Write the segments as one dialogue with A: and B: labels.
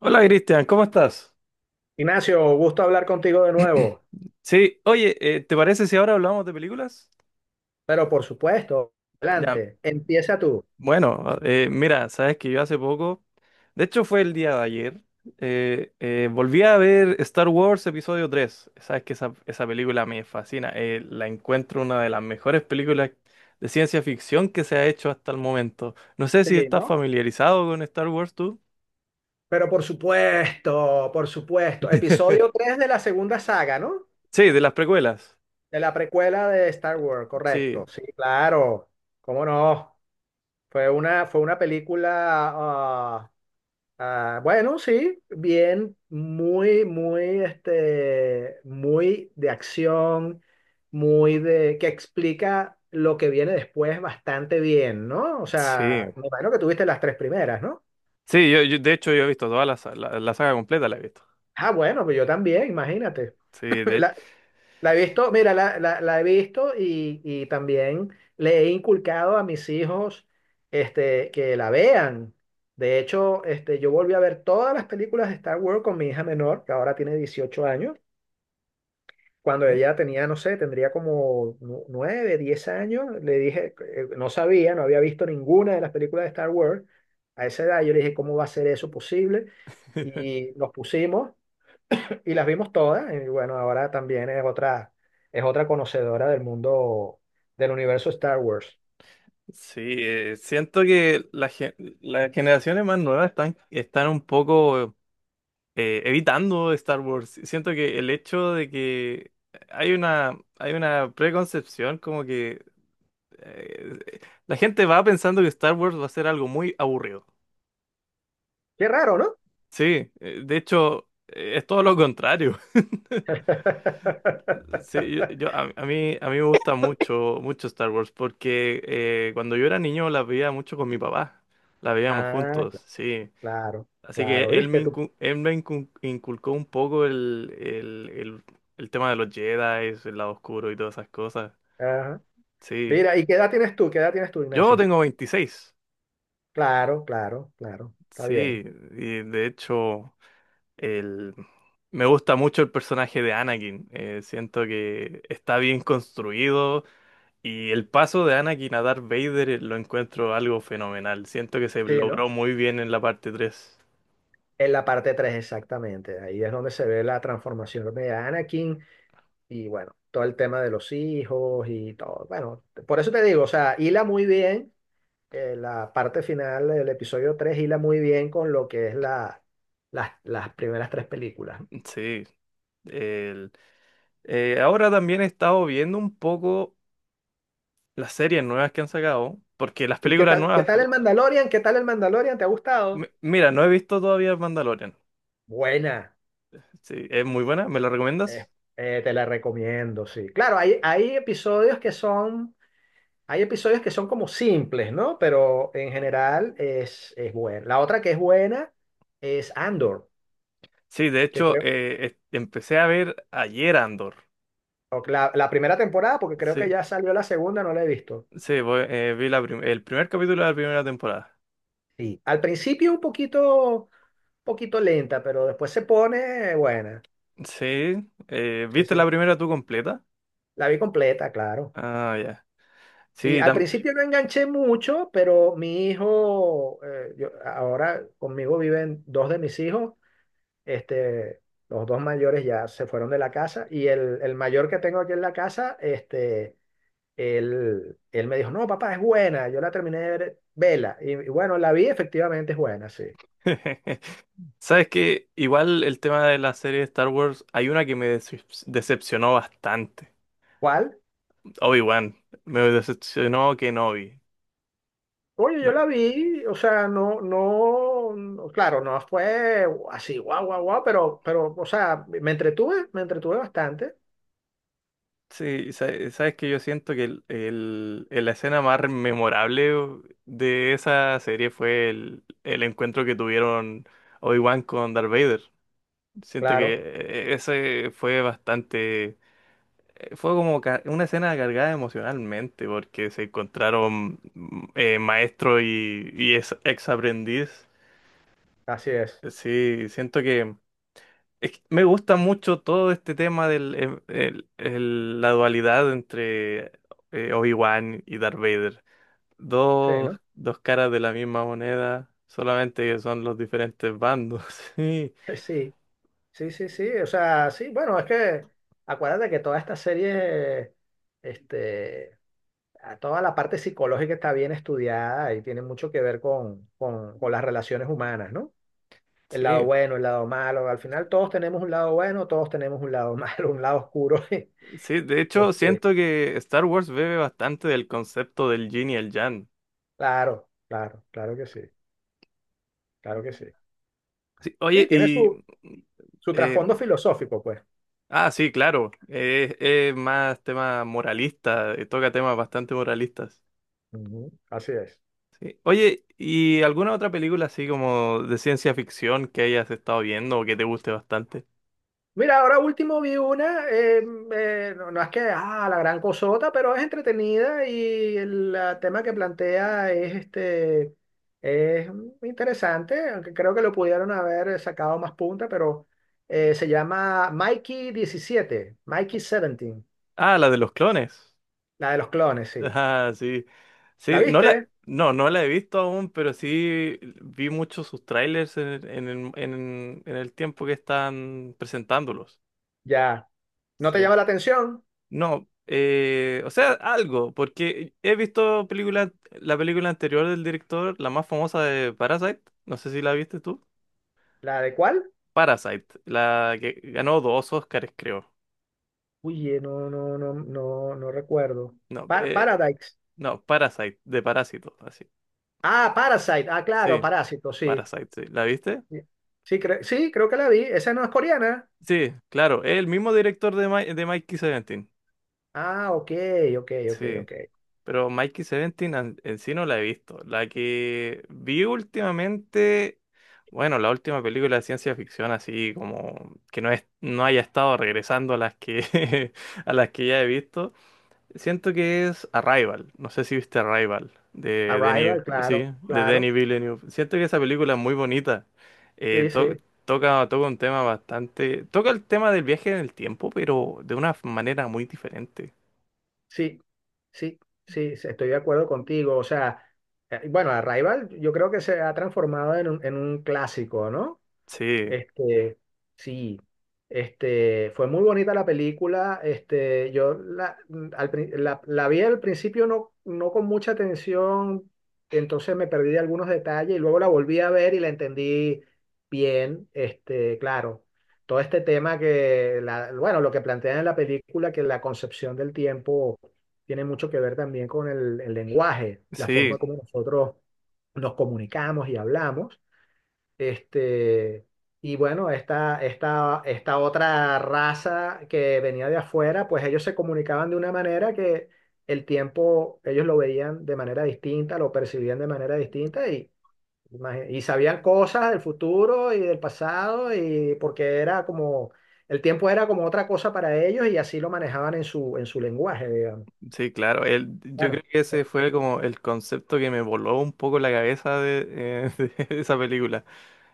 A: Hola, Cristian, ¿cómo estás?
B: Ignacio, gusto hablar contigo de nuevo,
A: Sí, oye, ¿te parece si ahora hablamos de películas?
B: pero por supuesto,
A: Ya,
B: adelante, empieza tú.
A: bueno, mira, sabes que yo hace poco, de hecho fue el día de ayer, volví a ver Star Wars Episodio tres. Sabes que esa película me fascina, la encuentro una de las mejores películas de ciencia ficción que se ha hecho hasta el momento. No sé si
B: Sí,
A: estás
B: ¿no?
A: familiarizado con Star Wars tú.
B: Pero por supuesto, episodio 3 de la segunda saga, ¿no?
A: Sí, de las precuelas.
B: De la precuela de Star Wars,
A: Sí,
B: correcto. Sí, claro, cómo no. Fue una película. Ah, bueno, sí, bien, muy, muy, muy de acción, que explica lo que viene después bastante bien, ¿no? O sea,
A: sí.
B: me imagino que tuviste las tres primeras, ¿no?
A: Sí, de hecho yo he visto toda la saga completa, la he visto.
B: Ah, bueno, pues yo también, imagínate.
A: Sí, de,
B: La, la he visto, mira, la he visto y también le he inculcado a mis hijos, que la vean. De hecho, yo volví a ver todas las películas de Star Wars con mi hija menor, que ahora tiene 18 años. Cuando
A: ¿Mm?
B: ella tenía, no sé, tendría como nueve, diez años, le dije, no sabía, no había visto ninguna de las películas de Star Wars. A esa edad yo le dije, ¿cómo va a ser eso posible? Y nos pusimos y las vimos todas. Y bueno, ahora también es otra conocedora del mundo, del universo Star Wars.
A: Sí, siento que las generaciones más nuevas están un poco evitando Star Wars. Siento que el hecho de que hay una preconcepción como que eh, la gente va pensando que Star Wars va a ser algo muy aburrido.
B: Qué raro, ¿no?
A: Sí, de hecho, es todo lo contrario. Sí, a mí me gusta mucho, mucho Star Wars porque cuando yo era niño la veía mucho con mi papá. La veíamos
B: Ah,
A: juntos, sí.
B: claro,
A: Así que
B: claro, viste tú.
A: inculcó un poco el tema de los Jedi, el lado oscuro y todas esas cosas.
B: Ajá.
A: Sí,
B: Mira, ¿y qué edad tienes tú? ¿Qué edad tienes tú,
A: yo
B: Ignacio?
A: tengo 26.
B: Claro, claro, claro. Está
A: Sí,
B: bien.
A: y de hecho, el, me gusta mucho el personaje de Anakin. Siento que está bien construido y el paso de Anakin a Darth Vader lo encuentro algo fenomenal. Siento que se
B: Sí, ¿no?
A: logró muy bien en la parte tres.
B: En la parte 3 exactamente. Ahí es donde se ve la transformación de Anakin y bueno, todo el tema de los hijos y todo. Bueno, por eso te digo, o sea, hila muy bien, la parte final del episodio tres hila muy bien con lo que es las primeras tres películas, ¿no?
A: Sí, el. Ahora también he estado viendo un poco las series nuevas que han sacado, porque las
B: ¿Y
A: películas
B: qué
A: nuevas,
B: tal el Mandalorian? ¿Qué tal el Mandalorian? ¿Te ha gustado?
A: mira, no he visto todavía Mandalorian.
B: Buena.
A: Sí, es muy buena, ¿me la
B: Eh,
A: recomiendas?
B: Te la recomiendo, sí. Claro, hay episodios que son como simples, ¿no? Pero en general es buena. La otra que es buena es Andor,
A: Sí, de
B: que
A: hecho,
B: creo,
A: empecé a ver ayer Andor.
B: o la primera temporada, porque creo que
A: Sí,
B: ya salió la segunda, no la he visto.
A: sí, vi el primer capítulo de la primera temporada.
B: Sí, al principio un poquito, poquito lenta, pero después se pone buena.
A: Sí,
B: Sí,
A: ¿viste
B: sí.
A: la primera tú completa?
B: La vi completa, claro.
A: Ah, ya.
B: Sí,
A: Sí,
B: al
A: también.
B: principio no enganché mucho, pero mi hijo, ahora conmigo viven dos de mis hijos. Este, los dos mayores ya se fueron de la casa, y el mayor que tengo aquí en la casa, él me dijo, no, papá, es buena, yo la terminé de ver, vela. Y bueno, la vi, efectivamente es buena, sí.
A: Sabes que igual el tema de la serie de Star Wars, hay una que me decepcionó bastante.
B: ¿Cuál?
A: Obi-Wan. Me decepcionó Kenobi.
B: Oye, yo la vi, o sea, no, no, no, claro, no fue así, guau, guau, guau, pero, o sea, me entretuve bastante,
A: Sí, sabes que yo siento que la escena más memorable de esa serie fue el encuentro que tuvieron Obi-Wan con Darth Vader. Siento que
B: claro,
A: ese fue bastante, fue como una escena cargada emocionalmente porque se encontraron maestro y ex, ex aprendiz.
B: así es,
A: Sí, siento que Es que me gusta mucho todo este tema del em- el- la dualidad entre Obi-Wan y Darth Vader.
B: sí,
A: Dos,
B: ¿no?
A: dos caras de la misma moneda, solamente que son los diferentes bandos. Sí,
B: Sí. Sí, sí, sí, o sea, sí, bueno, es que acuérdate que toda esta serie, este, a toda la parte psicológica está bien estudiada y tiene mucho que ver con las relaciones humanas, ¿no? El lado
A: sí,
B: bueno, el lado malo, al final todos tenemos un lado bueno, todos tenemos un lado malo, un lado oscuro.
A: sí. De hecho,
B: Este,
A: siento que Star Wars bebe bastante del concepto del Yin y el Yang.
B: claro, claro, claro que sí, claro que sí.
A: Sí,
B: Sí,
A: oye,
B: tiene
A: y...
B: su
A: eh,
B: trasfondo filosófico, pues.
A: sí, claro. Es más tema moralista, toca temas bastante moralistas.
B: Ujú, así es.
A: Oye, ¿y alguna otra película así como de ciencia ficción que hayas estado viendo o que te guste bastante?
B: Mira, ahora último vi una, no, ah, la gran cosota, pero es entretenida, y el tema que plantea es interesante, aunque creo que lo pudieron haber sacado más punta, pero se llama Mikey diecisiete, Mikey 17,
A: Ah, la de los clones.
B: la de los clones, sí.
A: Ah, sí.
B: ¿La
A: Sí, no la,
B: viste?
A: no, no la he visto aún, pero sí vi muchos sus trailers en el tiempo que están presentándolos.
B: Ya. ¿No te
A: Sí.
B: llama la atención?
A: No, o sea, algo, porque he visto película, la película anterior del director, la más famosa, de Parasite. No sé si la viste tú.
B: ¿La de cuál?
A: Parasite, la que ganó dos Oscars, creo.
B: Uy, no, no, no, no, no recuerdo.
A: No,
B: Paradise.
A: no, Parasite, de Parásito, así.
B: Ah, Parasite. Ah, claro,
A: Sí,
B: Parásito, sí.
A: Parasite, sí. ¿La viste?
B: Sí, sí, sí, creo que la vi. Esa no es coreana.
A: Sí, claro, es el mismo director de, de Mikey 17.
B: Ah, ok, ok, ok,
A: Sí,
B: ok.
A: pero Mikey 17 en sí no la he visto. La que vi últimamente, bueno, la última película de ciencia ficción así como que no es, no haya estado regresando a las que a las que ya he visto. Siento que es Arrival. No sé si viste Arrival de Denis,
B: Arrival,
A: sí,
B: claro,
A: de
B: claro.
A: Denis Villeneuve. Siento que esa película es muy bonita. Eh,
B: Sí,
A: to-
B: sí,
A: toca, toca un tema bastante. Toca el tema del viaje en el tiempo, pero de una manera muy diferente.
B: sí, sí, sí, sí, estoy de acuerdo contigo. O sea, bueno, Arrival yo creo que se ha transformado en un, clásico, ¿no?
A: Sí,
B: Este, sí, fue muy bonita la película. La vi al principio no con mucha atención, entonces me perdí de algunos detalles y luego la volví a ver y la entendí bien. Claro, todo este tema que, bueno, lo que plantean en la película, que la concepción del tiempo tiene mucho que ver también con el lenguaje, la forma
A: sí,
B: como nosotros nos comunicamos y hablamos. Este, y bueno, esta, otra raza que venía de afuera, pues ellos se comunicaban de una manera que el tiempo ellos lo veían de manera distinta, lo percibían de manera distinta, y sabían cosas del futuro y del pasado, y porque era como, el tiempo era como otra cosa para ellos, y así lo manejaban en su, lenguaje, digamos.
A: sí, claro. Yo
B: Claro.
A: creo que ese fue como el concepto que me voló un poco la cabeza de, de esa película.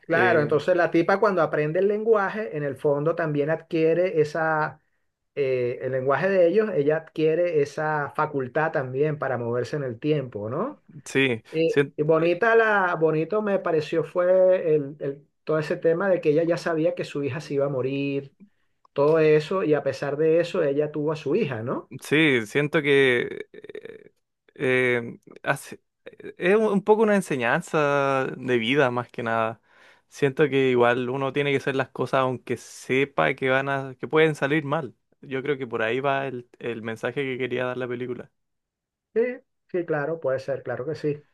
B: Claro,
A: Eh,
B: entonces la tipa, cuando aprende el lenguaje, en el fondo también adquiere esa, el lenguaje de ellos, ella adquiere esa facultad también para moverse en el tiempo, ¿no?
A: sí,
B: Y,
A: siento
B: y bonito me pareció fue todo ese tema de que ella ya sabía que su hija se iba a morir, todo eso, y a pesar de eso, ella tuvo a su hija, ¿no?
A: Sí, siento que eh, hace- es un poco una enseñanza de vida más que nada. Siento que igual uno tiene que hacer las cosas aunque sepa que van a, que pueden salir mal. Yo creo que por ahí va el mensaje que quería dar la película.
B: Sí, sí, claro, puede ser, claro que sí.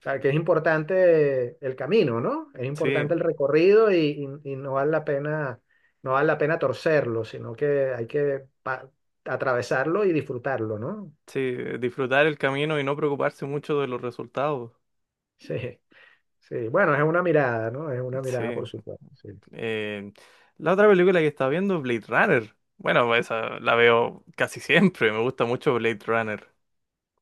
B: Claro que es importante el camino, ¿no? Es importante
A: Sí,
B: el recorrido, y no vale la pena, no vale la pena torcerlo, sino que hay que atravesarlo y disfrutarlo, ¿no?
A: sí, disfrutar el camino y no preocuparse mucho de los resultados.
B: Sí, sí. Bueno, es una mirada, ¿no? Es una
A: Sí.
B: mirada, por supuesto. Sí.
A: eh, la otra película que estaba viendo es Blade Runner. Bueno, esa la veo casi siempre. Me gusta mucho Blade Runner.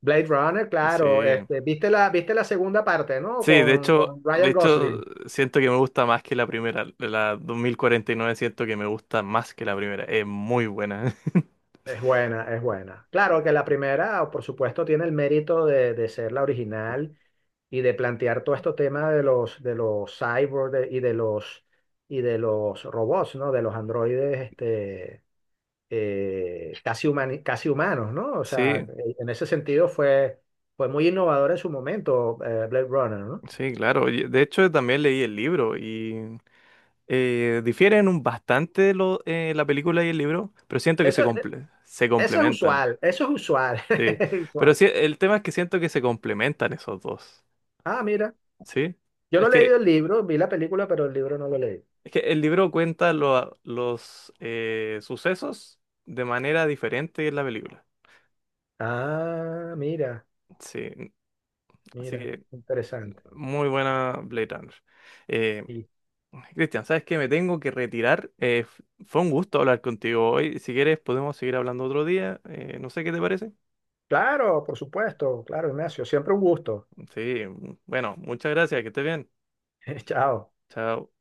B: Blade Runner, claro.
A: Sí.
B: Viste la, segunda parte, ¿no?
A: Sí,
B: Con, con
A: de
B: Ryan
A: hecho,
B: Gosling.
A: siento que me gusta más que la primera. La 2049 siento que me gusta más que la primera. Es muy buena.
B: Es buena, es buena. Claro que la primera, por supuesto, tiene el mérito de, ser la original, y de plantear todo este tema de los cyborgs, y de los robots, ¿no? De los androides, casi humanos, ¿no? O sea,
A: Sí,
B: en ese sentido fue muy innovador en su momento, Blade Runner, ¿no?
A: sí, claro. Y de hecho, también leí el libro y difieren un bastante lo, la película y el libro, pero siento que
B: Eso, eh,
A: se
B: eso es
A: complementan.
B: usual, eso es usual,
A: Sí,
B: es
A: pero
B: usual.
A: sí, el tema es que siento que se complementan esos dos.
B: Ah, mira,
A: Sí,
B: yo no
A: es
B: he leído
A: que,
B: el libro, vi la película, pero el libro no lo leí.
A: es que el libro cuenta los sucesos de manera diferente en la película.
B: Ah, mira,
A: Sí, así
B: mira,
A: que
B: interesante.
A: muy buena Blade Runner. Eh,
B: Y
A: Cristian, ¿sabes qué? Me tengo que retirar. Fue un gusto hablar contigo hoy. Si quieres, podemos seguir hablando otro día. No sé qué te parece.
B: claro, por supuesto, claro, Ignacio, siempre un gusto.
A: Sí, bueno, muchas gracias. Que estés bien.
B: Chao.
A: Chao.